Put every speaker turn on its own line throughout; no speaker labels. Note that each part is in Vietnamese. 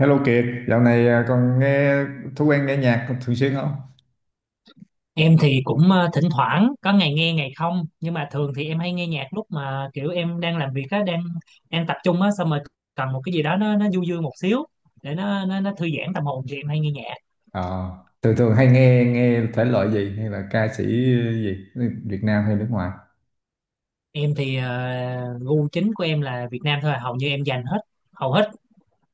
Hello Kiệt, dạo này còn nghe thói quen nghe nhạc thường xuyên không?
Em thì cũng thỉnh thoảng có ngày nghe ngày không, nhưng mà thường thì em hay nghe nhạc lúc mà kiểu em đang làm việc á, đang đang tập trung á, xong rồi cần một cái gì đó nó du dương một xíu để nó thư giãn tâm hồn, thì em hay nghe nhạc.
Ờ, thường thường hay nghe nghe thể loại gì hay là ca sĩ gì Việt Nam hay nước ngoài?
Em thì gu chính của em là Việt Nam thôi à. Hầu như em dành hết, hầu hết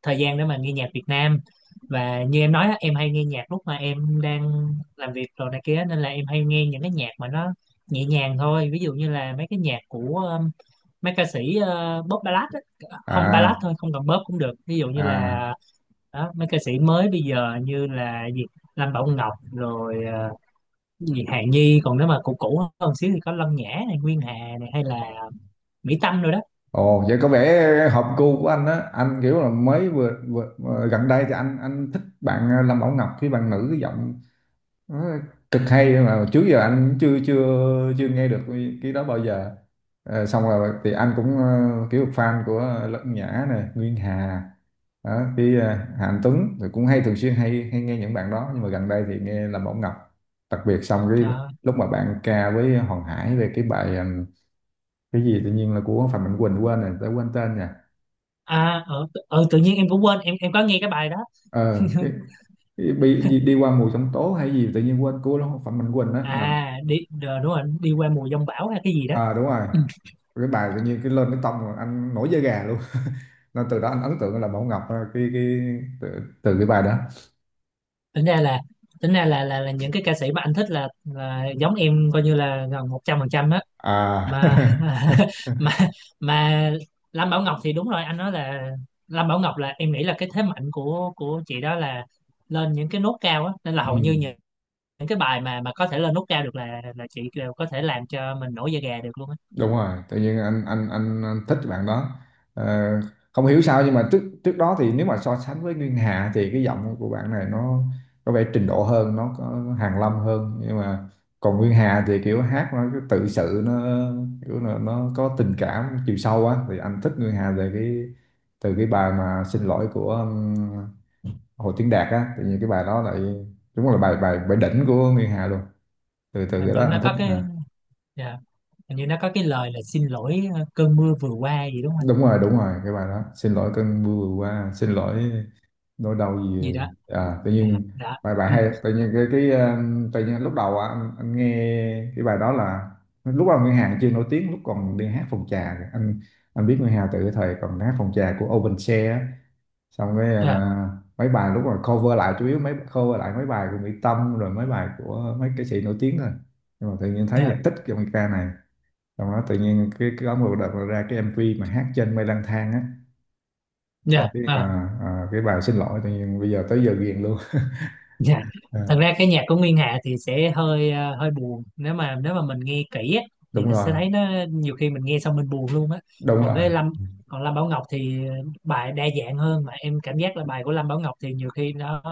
thời gian để mà nghe nhạc Việt Nam. Và như em nói á, em hay nghe nhạc lúc mà em đang làm việc rồi này kia, nên là em hay nghe những cái nhạc mà nó nhẹ nhàng thôi, ví dụ như là mấy cái nhạc của mấy ca sĩ pop ballad á, không
À.
ballad thôi không cần pop cũng được, ví dụ như
À.
là đó, mấy ca sĩ mới bây giờ như là gì Lâm Bảo Ngọc rồi gì Hà Nhi, còn nếu mà cũ cũ hơn xíu thì có Lâm Nhã này, Nguyên Hà này, hay là Mỹ Tâm rồi đó.
Ồ, vậy có vẻ hợp gu của anh á. Anh kiểu là mới vừa gần đây thì anh thích bạn Lâm Bảo Ngọc, cái bạn nữ cái giọng đó cực hay mà trước giờ anh chưa chưa chưa nghe được cái đó bao giờ. Xong rồi thì anh cũng kiểu fan của Lân Nhã này, Nguyên Hà đó, cái Hà Anh Tuấn thì cũng hay, thường xuyên hay hay nghe những bạn đó, nhưng mà gần đây thì nghe Lâm Mẫu Ngọc đặc biệt. Xong cái
Ờ,
lúc mà bạn ca với Hoàng Hải về cái bài cái gì tự nhiên là của Phạm Mạnh Quỳnh, quên rồi, tớ quên tên nha,
tự nhiên em cũng quên, em có nghe cái bài đó.
ờ cái, cái bị đi qua mùa giông tố hay gì tự nhiên quên, của Phạm Mạnh Quỳnh á mà.
À đúng rồi, đi qua mùa giông bão hay cái gì đó.
À, đúng rồi, cái bài tự nhiên cái lên cái tông rồi anh nổi da gà luôn, nên từ đó anh ấn tượng là Bảo Ngọc, cái từ cái bài đó.
Tính ra là tính ra là là, là những cái ca sĩ mà anh thích là giống em, coi như là gần 100%
à
mà mà mà Lam Bảo Ngọc thì đúng rồi anh nói là Lam Bảo Ngọc, là em nghĩ là cái thế mạnh của chị đó là lên những cái nốt cao á, nên là hầu
ừ.
như những cái bài mà có thể lên nốt cao được là chị đều có thể làm cho mình nổi da gà được luôn á.
Đúng rồi, tự nhiên anh thích bạn đó. Ờ, không hiểu sao, nhưng mà trước trước đó thì nếu mà so sánh với Nguyên Hà thì cái giọng của bạn này nó có vẻ trình độ hơn, nó có hàn lâm hơn, nhưng mà còn Nguyên Hà thì kiểu hát nó cứ tự sự, nó kiểu là nó có tình cảm chiều sâu á, thì anh thích Nguyên Hà về cái, từ cái bài mà xin lỗi của Hồ Tiến Đạt á. Tự nhiên cái bài đó lại đúng là bài bài bài đỉnh của Nguyên Hà luôn, từ từ
Hình
cái đó
như
anh
nó
thích
có cái,
à.
dạ, hình như nó có cái lời là xin lỗi cơn mưa vừa qua gì đúng không anh?
Đúng rồi, đúng rồi, cái bài đó xin lỗi cơn mưa vừa qua, xin lỗi nỗi đau gì
Gì đó.
tự
Ừ,
nhiên,
đó.
bài bài
Ừ,
hay. Tự nhiên cái tự nhiên lúc đầu á, anh nghe cái bài đó là lúc đầu Nguyên Hà chưa nổi tiếng, lúc còn đi hát phòng trà kìa. Anh biết Nguyên Hà từ cái thời còn hát phòng trà của Open Share á. Xong cái
dạ,
mấy bài lúc mà cover lại, chủ yếu mấy cover lại mấy bài của Mỹ Tâm rồi mấy bài của mấy ca sĩ nổi tiếng thôi, nhưng mà tự nhiên thấy là
dạ,
thích cái bài ca này. Xong đó tự nhiên cái có một đợt là ra cái MV mà hát trên mây lang thang á, xong
dạ,
cái
à,
cái bài xin lỗi tự nhiên bây giờ tới giờ ghiền luôn.
dạ.
à,
Thật ra cái nhạc của Nguyên Hà thì sẽ hơi buồn, nếu mà mình nghe kỹ á, thì
đúng
nó
rồi,
sẽ thấy nó, nhiều khi mình nghe xong mình buồn luôn á.
đúng
còn
rồi,
cái Lâm còn Lâm Bảo Ngọc thì bài đa dạng hơn, mà em cảm giác là bài của Lâm Bảo Ngọc thì nhiều khi nó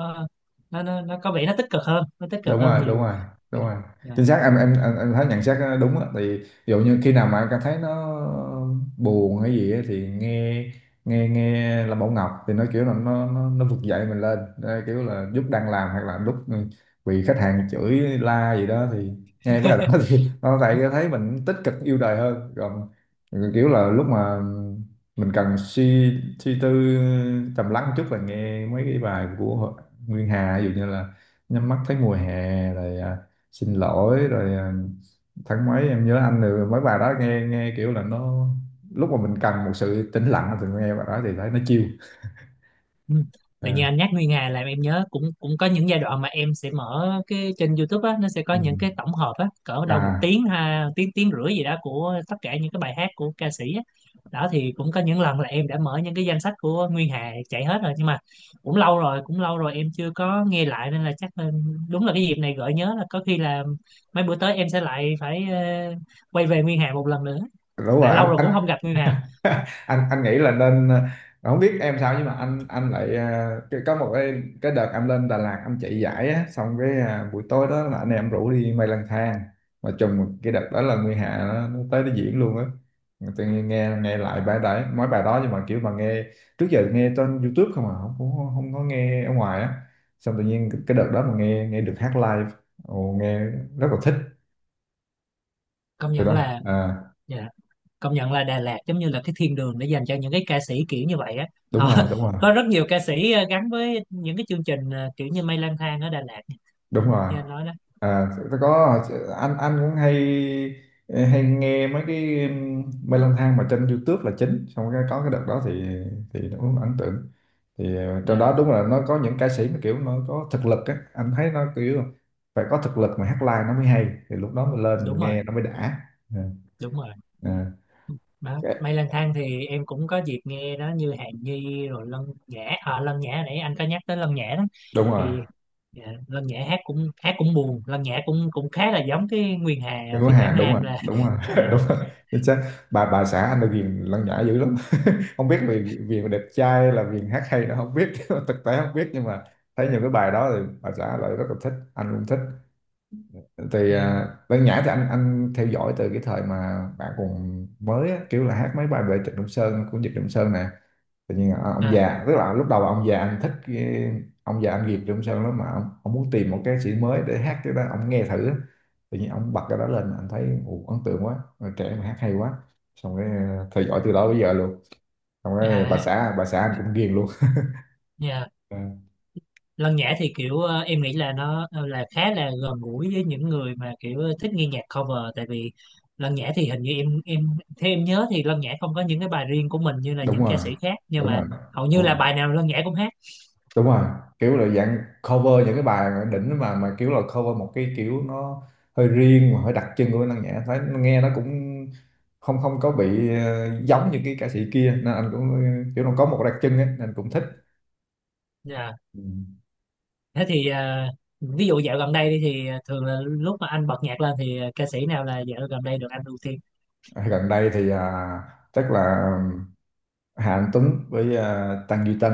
nó nó, nó có vẻ nó tích cực hơn, nó tích
đúng
cực hơn
rồi, đúng
nhiều.
rồi, đúng rồi.
Dạ.
Chính xác, em thấy nhận xét nó đúng á. Thì ví dụ như khi nào mà em cảm thấy nó buồn hay gì á, thì nghe nghe nghe là Bảo Ngọc thì nó kiểu là nó vực dậy mình lên đây, kiểu là lúc đang làm hoặc là lúc bị khách hàng chửi la gì đó thì nghe bài đó thì nó lại thấy mình tích cực yêu đời hơn, còn kiểu là lúc mà mình cần suy suy tư trầm lắng một chút là nghe mấy cái bài của Nguyên Hà, ví dụ như là nhắm mắt thấy mùa hè rồi à, xin lỗi rồi à, tháng mấy em nhớ anh, rồi mấy bài đó nghe, nghe kiểu là nó lúc mà mình cần một sự tĩnh lặng thì nghe bài đó thì thấy nó chill
Ừ. Tự nhiên
à.
anh nhắc Nguyên Hà làm em nhớ, cũng cũng có những giai đoạn mà em sẽ mở cái trên YouTube á, nó sẽ có
Ừ.
những cái tổng hợp á cỡ đâu một
à
tiếng, ha tiếng tiếng rưỡi gì đó, của tất cả những cái bài hát của ca sĩ á. Đó thì cũng có những lần là em đã mở những cái danh sách của Nguyên Hà chạy hết rồi, nhưng mà cũng lâu rồi, cũng lâu rồi em chưa có nghe lại, nên là chắc là đúng là cái dịp này gợi nhớ, là có khi là mấy bữa tới em sẽ lại phải quay về Nguyên Hà một lần nữa,
Đúng
tại
rồi, anh
lâu rồi
anh
cũng không gặp Nguyên Hà.
anh anh nghĩ là nên, không biết em sao, nhưng mà anh lại có một cái đợt em lên Đà Lạt em chạy giải á, xong cái buổi tối đó là anh em rủ đi mây lang thang, mà trùng cái đợt đó là Nguyên Hà nó tới nó diễn luôn á. Tự nhiên nghe nghe lại bài đấy, mấy bài đó, nhưng mà kiểu mà nghe, trước giờ nghe trên YouTube không à, không không, không có nghe ở ngoài á, xong tự nhiên cái đợt đó mà nghe, được hát live. Ồ, nghe rất là thích
Công
rồi
nhận
đó
là, dạ, công nhận là Đà Lạt giống như là cái thiên đường để dành cho những cái ca sĩ kiểu như vậy á,
đúng
họ
rồi, đúng rồi,
có rất nhiều ca sĩ gắn với những cái chương trình kiểu như Mây Lang Thang ở Đà Lạt,
đúng
đó,
rồi.
như anh nói đó.
À, tôi có anh cũng hay hay nghe mấy cái mê lang thang mà trên YouTube là chính. Xong cái có cái đợt đó thì nó cũng ấn tượng, thì trong
Dạ,
đó đúng là nó có những ca sĩ mà kiểu nó có thực lực á, anh thấy nó kiểu phải có thực lực mà hát live nó mới hay, thì lúc đó mình lên
đúng
mình
rồi,
nghe nó mới đã. Ừ.
đúng rồi
Ừ.
đó. Mây Lang Thang thì em cũng có dịp nghe đó, như Hàn Ni rồi Lân Nhã, à, Lân Nhã nãy anh có nhắc tới Lân Nhã đó,
Đúng rồi,
thì dạ, Lân Nhã hát cũng buồn, Lân Nhã cũng cũng khá là giống cái Nguyên Hà
người của
phiên bản
Hàn, đúng rồi,
nam là
đúng rồi.
dạ.
Đúng rồi, chính xác, bà xã anh là ghiền Lăng Nhã dữ lắm không biết vì vì mà đẹp trai hay là vì hát hay nó không biết thực tế không biết, nhưng mà thấy nhiều cái bài đó thì bà xã lại rất là thích, anh cũng thích. Thì
Ừ.
Lăng Nhã thì anh theo dõi từ cái thời mà bạn còn mới á, kiểu là hát mấy bài về Trịnh Công Sơn của Nhật Công Sơn nè. Tự nhiên ông
À,
già, tức là lúc đầu ông già anh thích ông già anh Việt Trong Sơn lắm, mà ông muốn tìm một ca sĩ mới để hát cái đó, ông nghe thử á. Tự nhiên ông bật cái đó lên, anh thấy ồ, ấn tượng quá, người trẻ mà hát hay quá. Xong cái theo dõi từ đó bây giờ luôn, xong cái
à,
bà xã anh cũng ghiền luôn.
dạ.
Ờ,
Lân Nhã thì kiểu em nghĩ là nó là khá là gần gũi với những người mà kiểu thích nghe nhạc cover, tại vì Lân Nhã thì hình như em theo em nhớ thì Lân Nhã không có những cái bài riêng của mình như là
đúng
những ca
rồi,
sĩ khác, nhưng
đúng
mà
rồi,
hầu
đúng
như là
rồi,
bài nào Lân Nhã cũng hát.
đúng rồi, kiểu là dạng cover những cái bài đỉnh, mà kiểu là cover một cái kiểu nó hơi riêng mà hơi đặc trưng của Minh Năng Nhã, thấy nghe nó cũng không không có bị giống như cái ca sĩ kia, nên anh cũng kiểu nó có một đặc trưng ấy, nên cũng thích.
Dạ.
Ừ.
Thế thì ví dụ dạo gần đây đi, thì thường là lúc mà anh bật nhạc lên thì ca sĩ nào là dạo gần đây được anh ưu tiên?
Gần đây thì chắc là Hà Anh Tuấn với Tăng Duy Tân.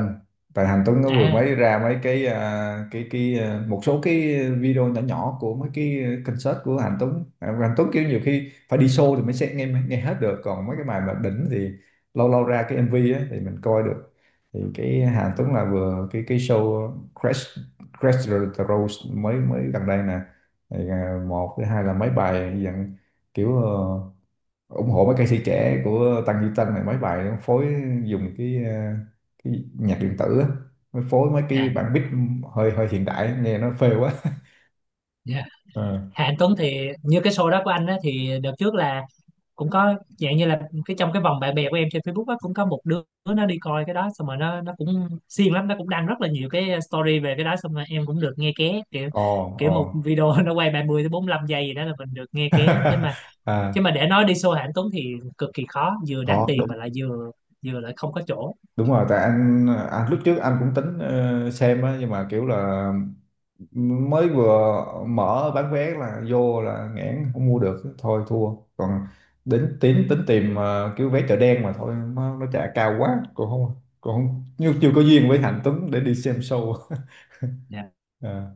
Tại Hà Anh Tuấn nó vừa
À,
mới ra mấy cái một số cái video nhỏ nhỏ của mấy cái concert của Hà Anh Tuấn. À, Hà Anh Tuấn kiểu nhiều khi phải đi show thì mới sẽ nghe, nghe hết được, còn mấy cái bài mà đỉnh thì lâu lâu ra cái MV á thì mình coi được. Thì cái Hà Anh Tuấn là vừa cái show Crash Crash the Rose mới, mới gần đây nè. Thì một thứ hai là mấy bài dạng kiểu ủng hộ mấy ca sĩ trẻ của Tăng Duy Tân này, mấy bài nó phối dùng cái nhạc điện tử á, mới phối mấy cái
à,
bản beat hơi, hơi hiện đại nghe nó phê quá.
dạ.
ờ
Hà Anh Tuấn thì như cái show đó của anh á, thì đợt trước là cũng có dạng như là cái trong cái vòng bạn bè của em trên Facebook á, cũng có một đứa nó đi coi cái đó, xong rồi nó cũng siêng lắm, nó cũng đăng rất là nhiều cái story về cái đó, xong rồi em cũng được nghe ké, kiểu
Ồ,
kiểu
ồ.
một video nó quay 30 tới 45 giây gì đó là mình được nghe ké, chứ
à,
mà để nói đi show Hàng Tuấn thì cực kỳ khó, vừa đắt
có
tiền
đúng,
mà lại vừa, vừa lại không có chỗ.
đúng rồi, tại anh lúc trước anh cũng tính xem á, nhưng mà kiểu là mới vừa mở bán vé là vô là nghẽn không mua được, thôi thua. Còn đến tính, tìm kiểu vé chợ đen, mà thôi nó trả cao quá, còn không, nhưng chưa có duyên với Hạnh Tuấn để đi xem show.
Dạ.
à,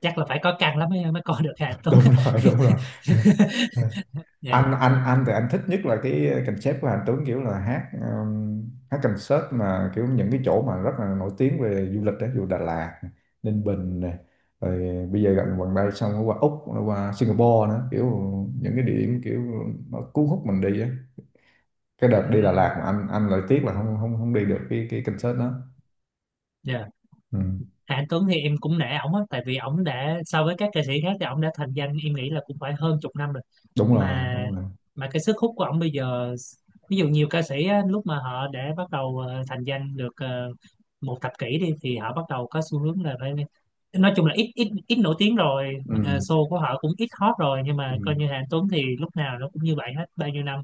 Chắc là phải có căn lắm mới mới coi được Hàng Tuấn.
đúng rồi, đúng rồi.
Dạ.
Anh thì anh thích nhất là cái concept của Hạnh Tuấn, kiểu là hát hát concert mà kiểu những cái chỗ mà rất là nổi tiếng về du lịch đấy, dù Đà Lạt, Ninh Bình này, rồi bây giờ gần gần đây, xong nó qua Úc, nó qua Singapore nữa, kiểu những cái địa điểm kiểu nó cuốn hút mình đi á. Cái đợt đi Đà
Ừm,
Lạt mà anh lại tiếc là không không không đi được cái concert đó.
dạ.
Ừ.
Hà Anh Tuấn thì em cũng nể ổng á, tại vì ổng đã, so với các ca sĩ khác thì ổng đã thành danh em nghĩ là cũng phải hơn chục năm rồi,
Đúng rồi,
mà
đúng rồi.
mà cái sức hút của ông bây giờ, ví dụ nhiều ca sĩ á, lúc mà họ đã bắt đầu thành danh được 1 thập kỷ đi, thì họ bắt đầu có xu hướng là phải, nói chung là ít ít ít nổi tiếng rồi,
Ừ.
show của họ cũng ít hot rồi, nhưng
Ừ.
mà coi như Hà Anh Tuấn thì lúc nào nó cũng như vậy hết bao nhiêu năm,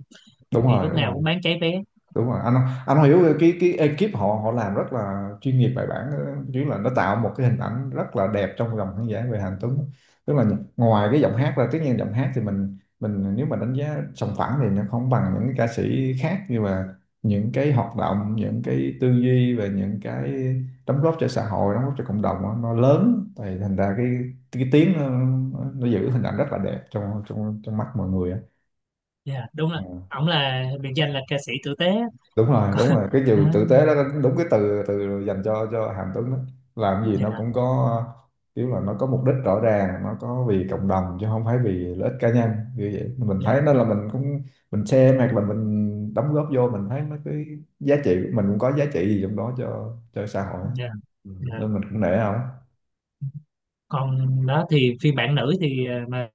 Đúng
thì
rồi,
lúc
đúng rồi,
nào cũng bán cháy vé.
đúng rồi. Anh hiểu cái ekip họ họ làm rất là chuyên nghiệp bài bản, chứ là nó tạo một cái hình ảnh rất là đẹp trong lòng khán giả về Hàn Tuấn. Tức là ngoài cái giọng hát ra, tất nhiên giọng hát thì mình, nếu mà đánh giá sòng phẳng thì nó không bằng những cái ca sĩ khác, nhưng mà những cái hoạt động, những cái tư duy và những cái đóng góp cho xã hội, đóng góp cho cộng đồng đó, nó lớn, thì thành ra cái tiếng nó giữ hình ảnh rất là đẹp trong trong trong mắt mọi người á.
Dạ đúng rồi,
Ờ.
ổng là biệt danh là ca sĩ tử tế.
Đúng rồi,
Còn,
đúng rồi, cái
à,
từ tử tế đó, đúng cái từ từ dành cho Hàm Tuấn đó. Làm gì nó
dạ,
cũng có kiểu là nó có mục đích rõ ràng, nó có vì cộng đồng chứ không phải vì lợi ích cá nhân. Như vậy mình
dạ,
thấy nên là mình cũng mình xem, hoặc là mình đóng góp vô mình thấy nó cái giá trị của mình cũng có giá trị gì trong đó cho xã hội á.
dạ,
Ừ.
dạ.
Nên mình cũng nể không.
Còn đó thì phiên bản nữ thì mà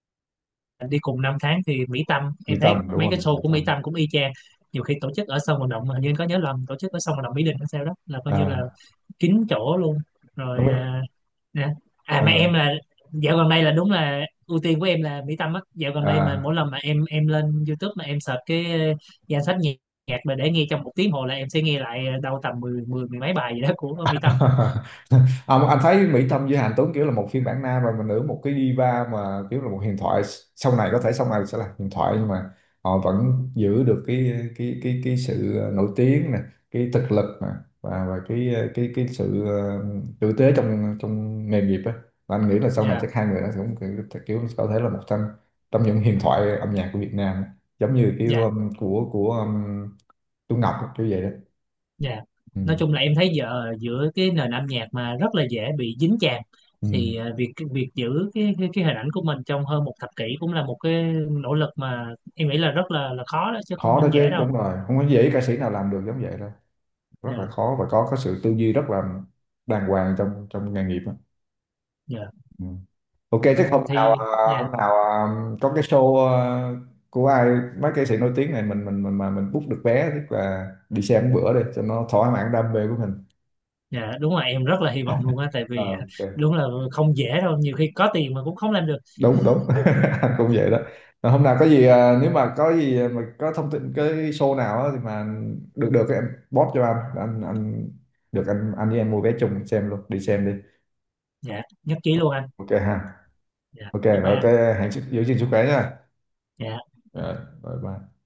đi cùng 5 tháng thì Mỹ Tâm,
Quy
em thấy
Tâm, đúng
mấy cái
rồi,
show
Quy
của Mỹ
Tâm.
Tâm cũng y chang, nhiều khi tổ chức ở sân vận động, hình như anh có nhớ lầm tổ chức ở sân vận động Mỹ Đình hay sao đó, là coi như là
À,
kín chỗ luôn rồi
không biết
à, nè. À mà
à.
em là dạo gần đây là đúng là ưu tiên của em là Mỹ Tâm á, dạo gần đây mà mỗi
À.
lần mà em lên YouTube mà em search cái danh sách nhạc, nhạc mà để nghe trong một tiếng hồ là em sẽ nghe lại đâu tầm mười mười mười mấy bài gì đó của Mỹ Tâm á.
Mà anh thấy Mỹ Tâm với Hàn Tuấn kiểu là một phiên bản nam rồi mà nữ, một cái diva mà kiểu là một huyền thoại, sau này có thể sau này sẽ là huyền thoại, nhưng mà họ vẫn giữ được cái sự nổi tiếng nè, cái thực lực nè, và cái sự tử tế trong, nghề nghiệp á. Và anh nghĩ là sau này
Dạ,
chắc hai người nó cũng kiểu có thể là một trong, những huyền thoại âm nhạc của Việt Nam, giống như kiểu
dạ.
của Tú Ngọc á, kiểu vậy đó.
Dạ.
Ừ.
Nói chung là em thấy giờ giữa cái nền âm nhạc mà rất là dễ bị dính chàm,
Ừ.
thì việc việc giữ cái hình ảnh của mình trong hơn 1 thập kỷ cũng là một cái nỗ lực, mà em nghĩ là rất là khó đó chứ, cũng
Khó đó
không dễ
chứ,
đâu.
đúng rồi, không có dễ ca sĩ nào làm được giống vậy đâu, rất
Dạ,
là khó, và có sự tư duy rất là đàng hoàng trong, nghề nghiệp á.
dạ.
Ừ. Ok, chắc
Thì dạ,
hôm nào có cái show của ai mấy ca sĩ nổi tiếng này, mình book được vé, tức là đi xem một bữa đi cho nó thỏa mãn đam mê của mình.
dạ đúng là em rất là hy vọng luôn á, tại vì
Ờ,
à,
ok,
đúng là không dễ đâu, nhiều khi có tiền mà cũng không làm được.
đúng đúng. Anh cũng vậy đó. Rồi hôm nào có gì nếu mà có gì mà có thông tin cái show nào á thì mà được được em post cho anh, được anh, với em mua vé chung xem luôn, đi xem đi.
Dạ, nhất trí luôn anh.
Ok ha,
Dạ,
ok
bye bye
rồi,
anh.
cái hẹn giữ gìn sức khỏe nha,
Dạ.
rồi bye bye.